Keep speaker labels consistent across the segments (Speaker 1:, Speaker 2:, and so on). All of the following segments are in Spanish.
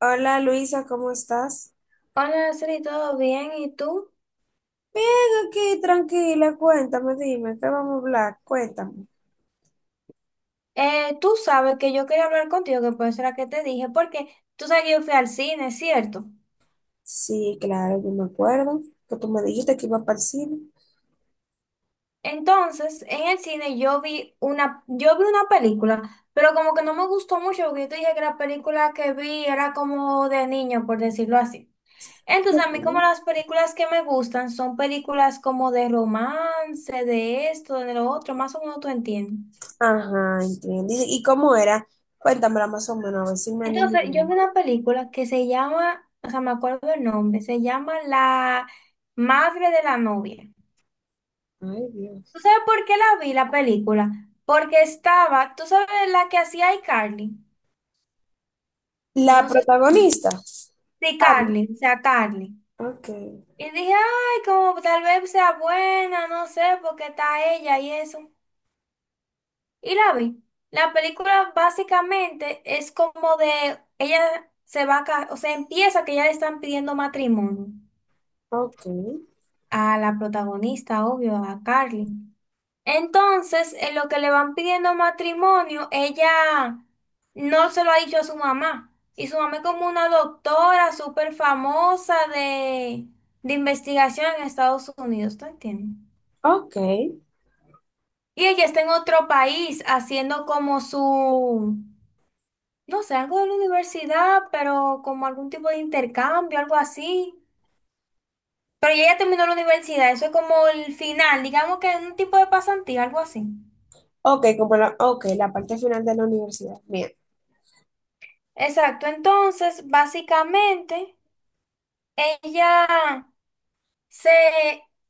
Speaker 1: Hola Luisa, ¿cómo estás?
Speaker 2: Hola, Araceli, ¿todo bien? ¿Y tú?
Speaker 1: Bien, aquí tranquila, cuéntame, dime, ¿qué vamos a hablar? Cuéntame.
Speaker 2: Tú sabes que yo quería hablar contigo, que por eso era que te dije, porque tú sabes que yo fui al cine, ¿cierto?
Speaker 1: Sí, claro, yo me acuerdo que tú me dijiste que iba para el cine.
Speaker 2: Entonces, en el cine yo vi una película, pero como que no me gustó mucho, porque yo te dije que la película que vi era como de niño, por decirlo así. Entonces,
Speaker 1: Ok.
Speaker 2: a mí como las películas que me gustan son películas como de romance, de esto, de lo otro, más o menos tú entiendes.
Speaker 1: Ajá, entiendo. ¿Y cómo era? Cuéntamela más o menos, a ver si me animo.
Speaker 2: Entonces, yo vi una película que se llama, o sea, me acuerdo el nombre, se llama La Madre de la Novia.
Speaker 1: Ay,
Speaker 2: ¿Tú
Speaker 1: Dios.
Speaker 2: sabes por qué la vi la película? Porque estaba, tú sabes la que hacía iCarly.
Speaker 1: La
Speaker 2: No sé si.
Speaker 1: protagonista.
Speaker 2: Sí,
Speaker 1: Carmen.
Speaker 2: Carly, o sea, Carly.
Speaker 1: Ok,
Speaker 2: Y dije, ay, como tal vez sea buena, no sé, porque está ella y eso. Y la vi. La película básicamente es como de, ella se va a casar, o sea, empieza que ya le están pidiendo matrimonio
Speaker 1: ok,
Speaker 2: a la protagonista, obvio, a Carly. Entonces, en lo que le van pidiendo matrimonio, ella no se lo ha dicho a su mamá. Y su mamá es como una doctora súper famosa de investigación en Estados Unidos, ¿tú entiendes?
Speaker 1: ok,
Speaker 2: Y ella está en otro país haciendo como su, no sé, algo de la universidad, pero como algún tipo de intercambio, algo así. Pero ella ya terminó la universidad, eso es como el final, digamos que es un tipo de pasantía, algo así.
Speaker 1: ok, la parte final de la universidad. Bien.
Speaker 2: Exacto, entonces básicamente ella se,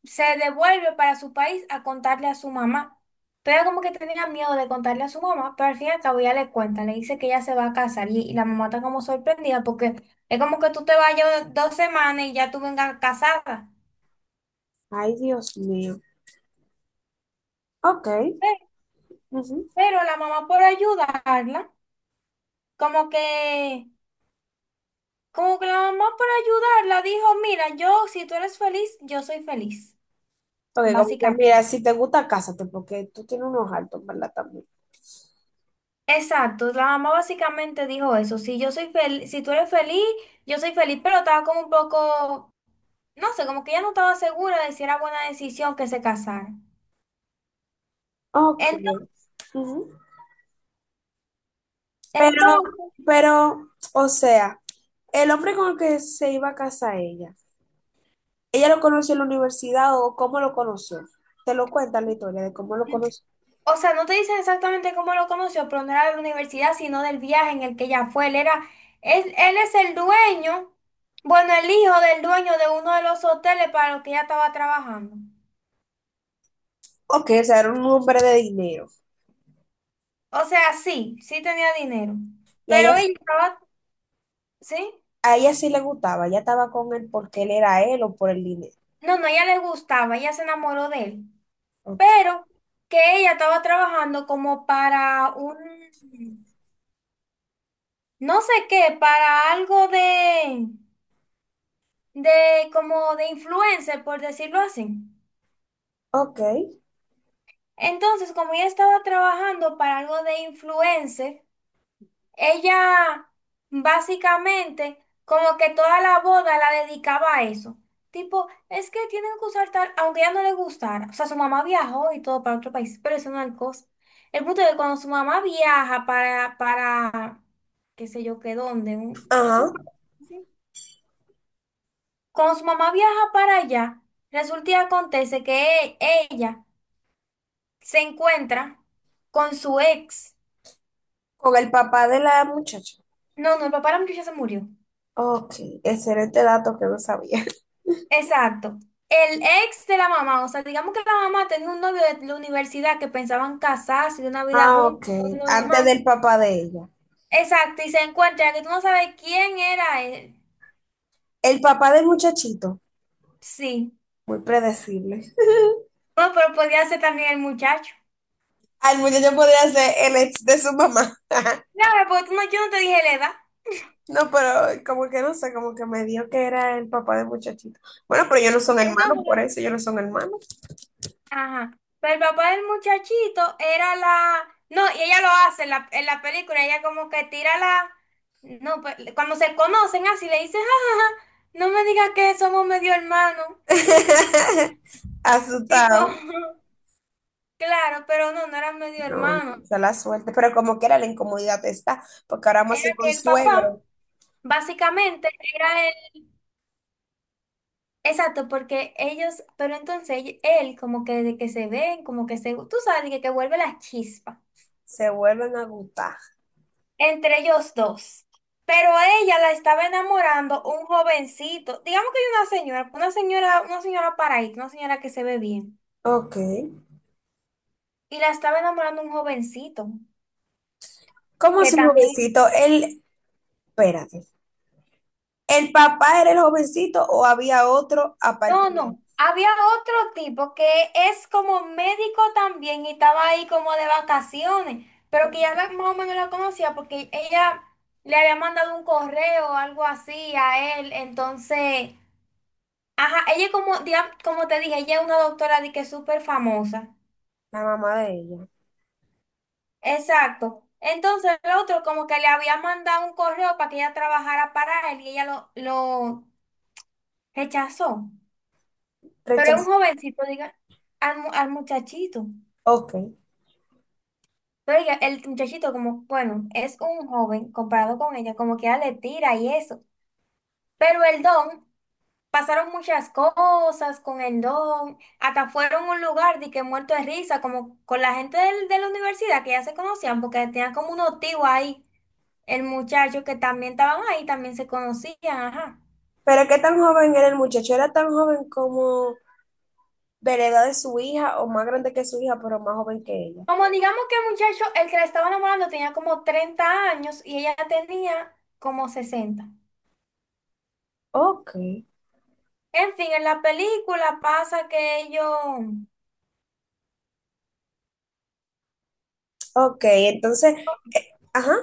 Speaker 2: se devuelve para su país a contarle a su mamá. Pero ella como que tenía miedo de contarle a su mamá, pero al fin y al cabo ella le cuenta, le dice que ella se va a casar y la mamá está como sorprendida porque es como que tú te vayas 2 semanas y ya tú vengas casada.
Speaker 1: Ay, Dios mío. Ok.
Speaker 2: Pero, pero la mamá por ayudarla, como que, como que la mamá por ayudarla dijo, mira, yo si tú eres feliz, yo soy feliz,
Speaker 1: Ok, como que
Speaker 2: básicamente.
Speaker 1: mira, si te gusta, cásate, porque tú tienes unos altos, ¿verdad? También.
Speaker 2: Exacto, la mamá básicamente dijo eso, si yo soy feliz, si tú eres feliz, yo soy feliz, pero estaba como un poco, no sé, como que ella no estaba segura de si era buena decisión que se casaran.
Speaker 1: Ok.
Speaker 2: Entonces,
Speaker 1: Ujú. Pero,
Speaker 2: entonces,
Speaker 1: pero, o sea, el hombre con el que se iba a casa ella, ¿ella lo conoció en la universidad o cómo lo conoció? Te lo cuenta la historia de cómo lo conoció.
Speaker 2: o sea, no te dicen exactamente cómo lo conoció, pero no era de la universidad, sino del viaje en el que ella fue. Él era, él es el dueño, bueno, el hijo del dueño de uno de los hoteles para los que ella estaba trabajando.
Speaker 1: Ok, o sea, era un hombre de dinero.
Speaker 2: O sea, sí tenía dinero,
Speaker 1: Y
Speaker 2: pero ella estaba, ¿sí?
Speaker 1: a ella sí le gustaba, ella estaba con él porque él era él o por el dinero.
Speaker 2: No, no, ella le gustaba, ella se enamoró de él,
Speaker 1: Ok.
Speaker 2: pero que ella estaba trabajando como para un, no sé qué, para algo de como de influencer, por decirlo así.
Speaker 1: Ok.
Speaker 2: Entonces, como ella estaba trabajando para algo de influencer, ella básicamente como que toda la boda la dedicaba a eso. Tipo, es que tienen que usar tal, aunque a ella no le gustara. O sea, su mamá viajó y todo para otro país, pero eso no es el cosa. El punto es que cuando su mamá viaja para, qué sé yo, qué dónde, eso,
Speaker 1: Ajá.
Speaker 2: sí. Cuando su mamá viaja para allá, resulta y acontece que ella se encuentra con su ex.
Speaker 1: Con el papá de la muchacha.
Speaker 2: No, no, el papá de la muchacha se murió.
Speaker 1: Ok, excelente dato que no sabía.
Speaker 2: Exacto. El ex de la mamá, o sea, digamos que la mamá tenía un novio de la universidad que pensaban casarse, de una vida
Speaker 1: Ah, ok.
Speaker 2: juntos, todo lo
Speaker 1: Antes
Speaker 2: demás.
Speaker 1: del papá de ella.
Speaker 2: Exacto, y se encuentra que tú no sabes quién era él.
Speaker 1: El papá del muchachito,
Speaker 2: Sí.
Speaker 1: muy predecible.
Speaker 2: No, pero podía ser también el muchacho.
Speaker 1: Al muchacho podría ser el ex de su mamá.
Speaker 2: Claro, porque tú no, yo no te dije la edad.
Speaker 1: No, pero como que no sé, como que me dio que era el papá del muchachito. Bueno, pero ellos no son hermanos,
Speaker 2: Entonces,
Speaker 1: por eso ellos no son hermanos.
Speaker 2: ajá. Pero el papá del muchachito era la... No, y ella lo hace en la película, ella como que tira la... No, pues cuando se conocen así le dice, jajaja, no me digas que somos medio hermanos. Tipo,
Speaker 1: Asustado.
Speaker 2: claro, pero no, no era medio
Speaker 1: No,
Speaker 2: hermano.
Speaker 1: se la suerte. Pero como quiera, la incomodidad está, porque ahora más
Speaker 2: Era que
Speaker 1: con
Speaker 2: el papá,
Speaker 1: suegro
Speaker 2: básicamente, era él. Exacto, porque ellos, pero entonces él, como que desde que se ven, como que se, tú sabes, que vuelve la chispa
Speaker 1: se vuelven a gustar.
Speaker 2: entre ellos dos. Pero a ella la estaba enamorando un jovencito, digamos que hay una señora paraíso, una señora que se ve bien.
Speaker 1: Ok.
Speaker 2: Y la estaba enamorando un jovencito,
Speaker 1: ¿Cómo
Speaker 2: que
Speaker 1: su
Speaker 2: también,
Speaker 1: jovencito? Él, espérate. ¿El papá era el jovencito o había otro aparte
Speaker 2: no,
Speaker 1: de él?
Speaker 2: no, había otro tipo que es como médico también y estaba ahí como de vacaciones, pero que ya más o menos la conocía porque ella le había mandado un correo o algo así a él, entonces... Ajá, ella como, digamos, como te dije, ella es una doctora de que es súper famosa.
Speaker 1: La mamá de ella.
Speaker 2: Exacto. Entonces el otro como que le había mandado un correo para que ella trabajara para él y ella lo rechazó. Pero es
Speaker 1: Rechazó.
Speaker 2: un jovencito, diga, al muchachito.
Speaker 1: Ok.
Speaker 2: Pero el muchachito como, bueno, es un joven comparado con ella, como que ella le tira y eso. Pero el don, pasaron muchas cosas con el don, hasta fueron a un lugar de que muerto de risa, como con la gente de la universidad que ya se conocían, porque tenían como un tíos ahí. El muchacho que también estaban ahí, también se conocían, ajá.
Speaker 1: ¿Pero qué tan joven era el muchacho? ¿Era tan joven como de la edad de su hija o más grande que su hija, pero más joven que ella?
Speaker 2: Como digamos que el muchacho, el que la estaba enamorando tenía como 30 años y ella tenía como 60.
Speaker 1: Ok.
Speaker 2: En fin, en la película pasa que ellos,
Speaker 1: Ok, entonces, ajá.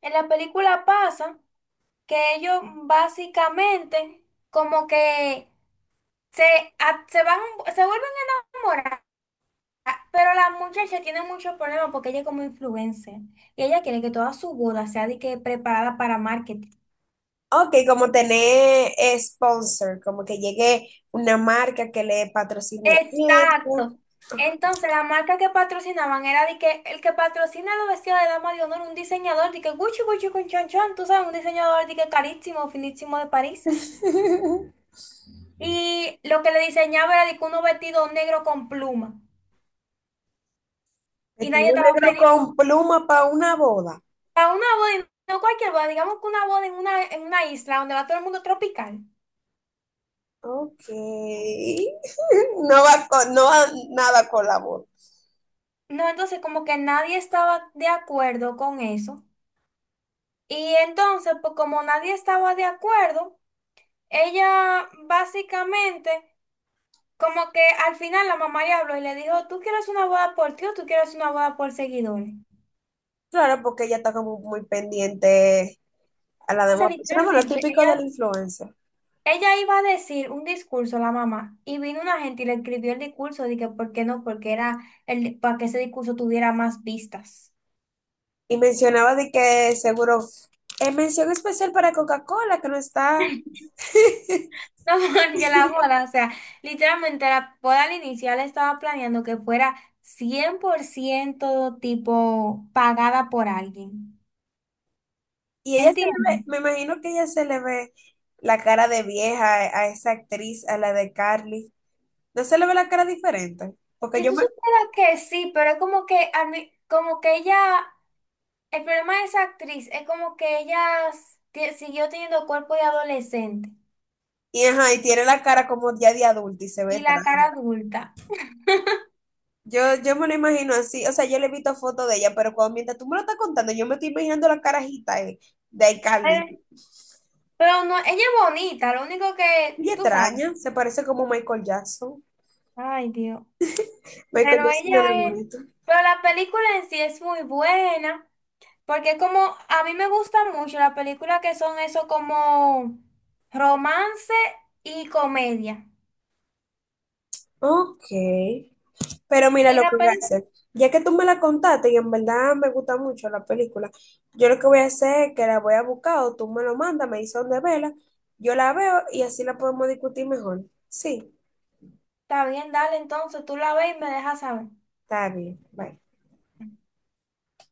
Speaker 2: en la película pasa que ellos básicamente como que se, a- se van, se vuelven a enamorar, pero la muchacha tiene muchos problemas porque ella es como influencer y ella quiere que toda su boda sea de que preparada para marketing.
Speaker 1: Ok, como tener sponsor, como que llegue una marca que le patrocine esto.
Speaker 2: Exacto. Entonces, la marca que patrocinaban era de que el que patrocina los vestidos de dama de honor, un diseñador de que Gucci Gucci con chon chon, tú sabes, un diseñador de que carísimo, finísimo de París. Y lo que le diseñaba era de que unos vestidos negros con pluma. Y nadie
Speaker 1: Vestido
Speaker 2: estaba
Speaker 1: negro
Speaker 2: feliz, po.
Speaker 1: con pluma para una boda.
Speaker 2: Para una boda, no cualquier boda, digamos que una boda en una isla donde va todo el mundo tropical.
Speaker 1: Ok. No va, con- no va nada con la voz.
Speaker 2: No, entonces como que nadie estaba de acuerdo con eso. Y entonces, pues como nadie estaba de acuerdo, ella básicamente, como que al final la mamá le habló y le dijo, ¿tú quieres una boda por ti o tú quieres una boda por seguidores?
Speaker 1: Claro, porque ella está como muy pendiente a la
Speaker 2: O sea,
Speaker 1: demás persona, bueno,
Speaker 2: literalmente,
Speaker 1: típico del
Speaker 2: ella,
Speaker 1: influencer.
Speaker 2: ella iba a decir un discurso, la mamá, y vino una gente y le escribió el discurso, dije, ¿por qué no? Porque era el, para que ese discurso tuviera más vistas.
Speaker 1: Y mencionaba de que seguro es mención especial para Coca-Cola, que no está.
Speaker 2: No, porque la boda, o sea, literalmente la boda al inicial estaba planeando que fuera 100% tipo pagada por alguien.
Speaker 1: Y ella se le ve,
Speaker 2: ¿Entiendes?
Speaker 1: me imagino que ella se le ve la cara de vieja a esa actriz, a la de Carly. No se le ve la cara diferente, porque
Speaker 2: Si
Speaker 1: yo
Speaker 2: tú
Speaker 1: me...
Speaker 2: supieras que sí, pero es como que, como que ella, el problema de esa actriz es como que ella siguió teniendo cuerpo de adolescente
Speaker 1: Y, ajá, y tiene la cara como ya de adulta y se ve
Speaker 2: y la cara
Speaker 1: extraña.
Speaker 2: adulta.
Speaker 1: Yo me lo imagino así, o sea, yo le he visto fotos de ella, pero cuando mientras tú me lo estás contando, yo me estoy imaginando la carajita de
Speaker 2: Eh,
Speaker 1: iCarly.
Speaker 2: Pero no, ella es bonita, lo único que
Speaker 1: Y
Speaker 2: tú sabes.
Speaker 1: extraña, se parece como Michael Jackson.
Speaker 2: Ay, Dios.
Speaker 1: Michael
Speaker 2: Pero
Speaker 1: Jackson era
Speaker 2: ella es,
Speaker 1: bonito.
Speaker 2: pero la película en sí es muy buena, porque como a mí me gusta mucho las películas que son eso como romance y comedia.
Speaker 1: Ok. Pero mira
Speaker 2: Y
Speaker 1: lo que
Speaker 2: la
Speaker 1: voy a
Speaker 2: película.
Speaker 1: hacer. Ya que tú me la contaste y en verdad me gusta mucho la película, yo lo que voy a hacer es que la voy a buscar o tú me lo mandas, me dices dónde verla, yo la veo y así la podemos discutir mejor. Sí,
Speaker 2: Está bien, dale, entonces tú la ves y me dejas saber.
Speaker 1: está bien. Bye.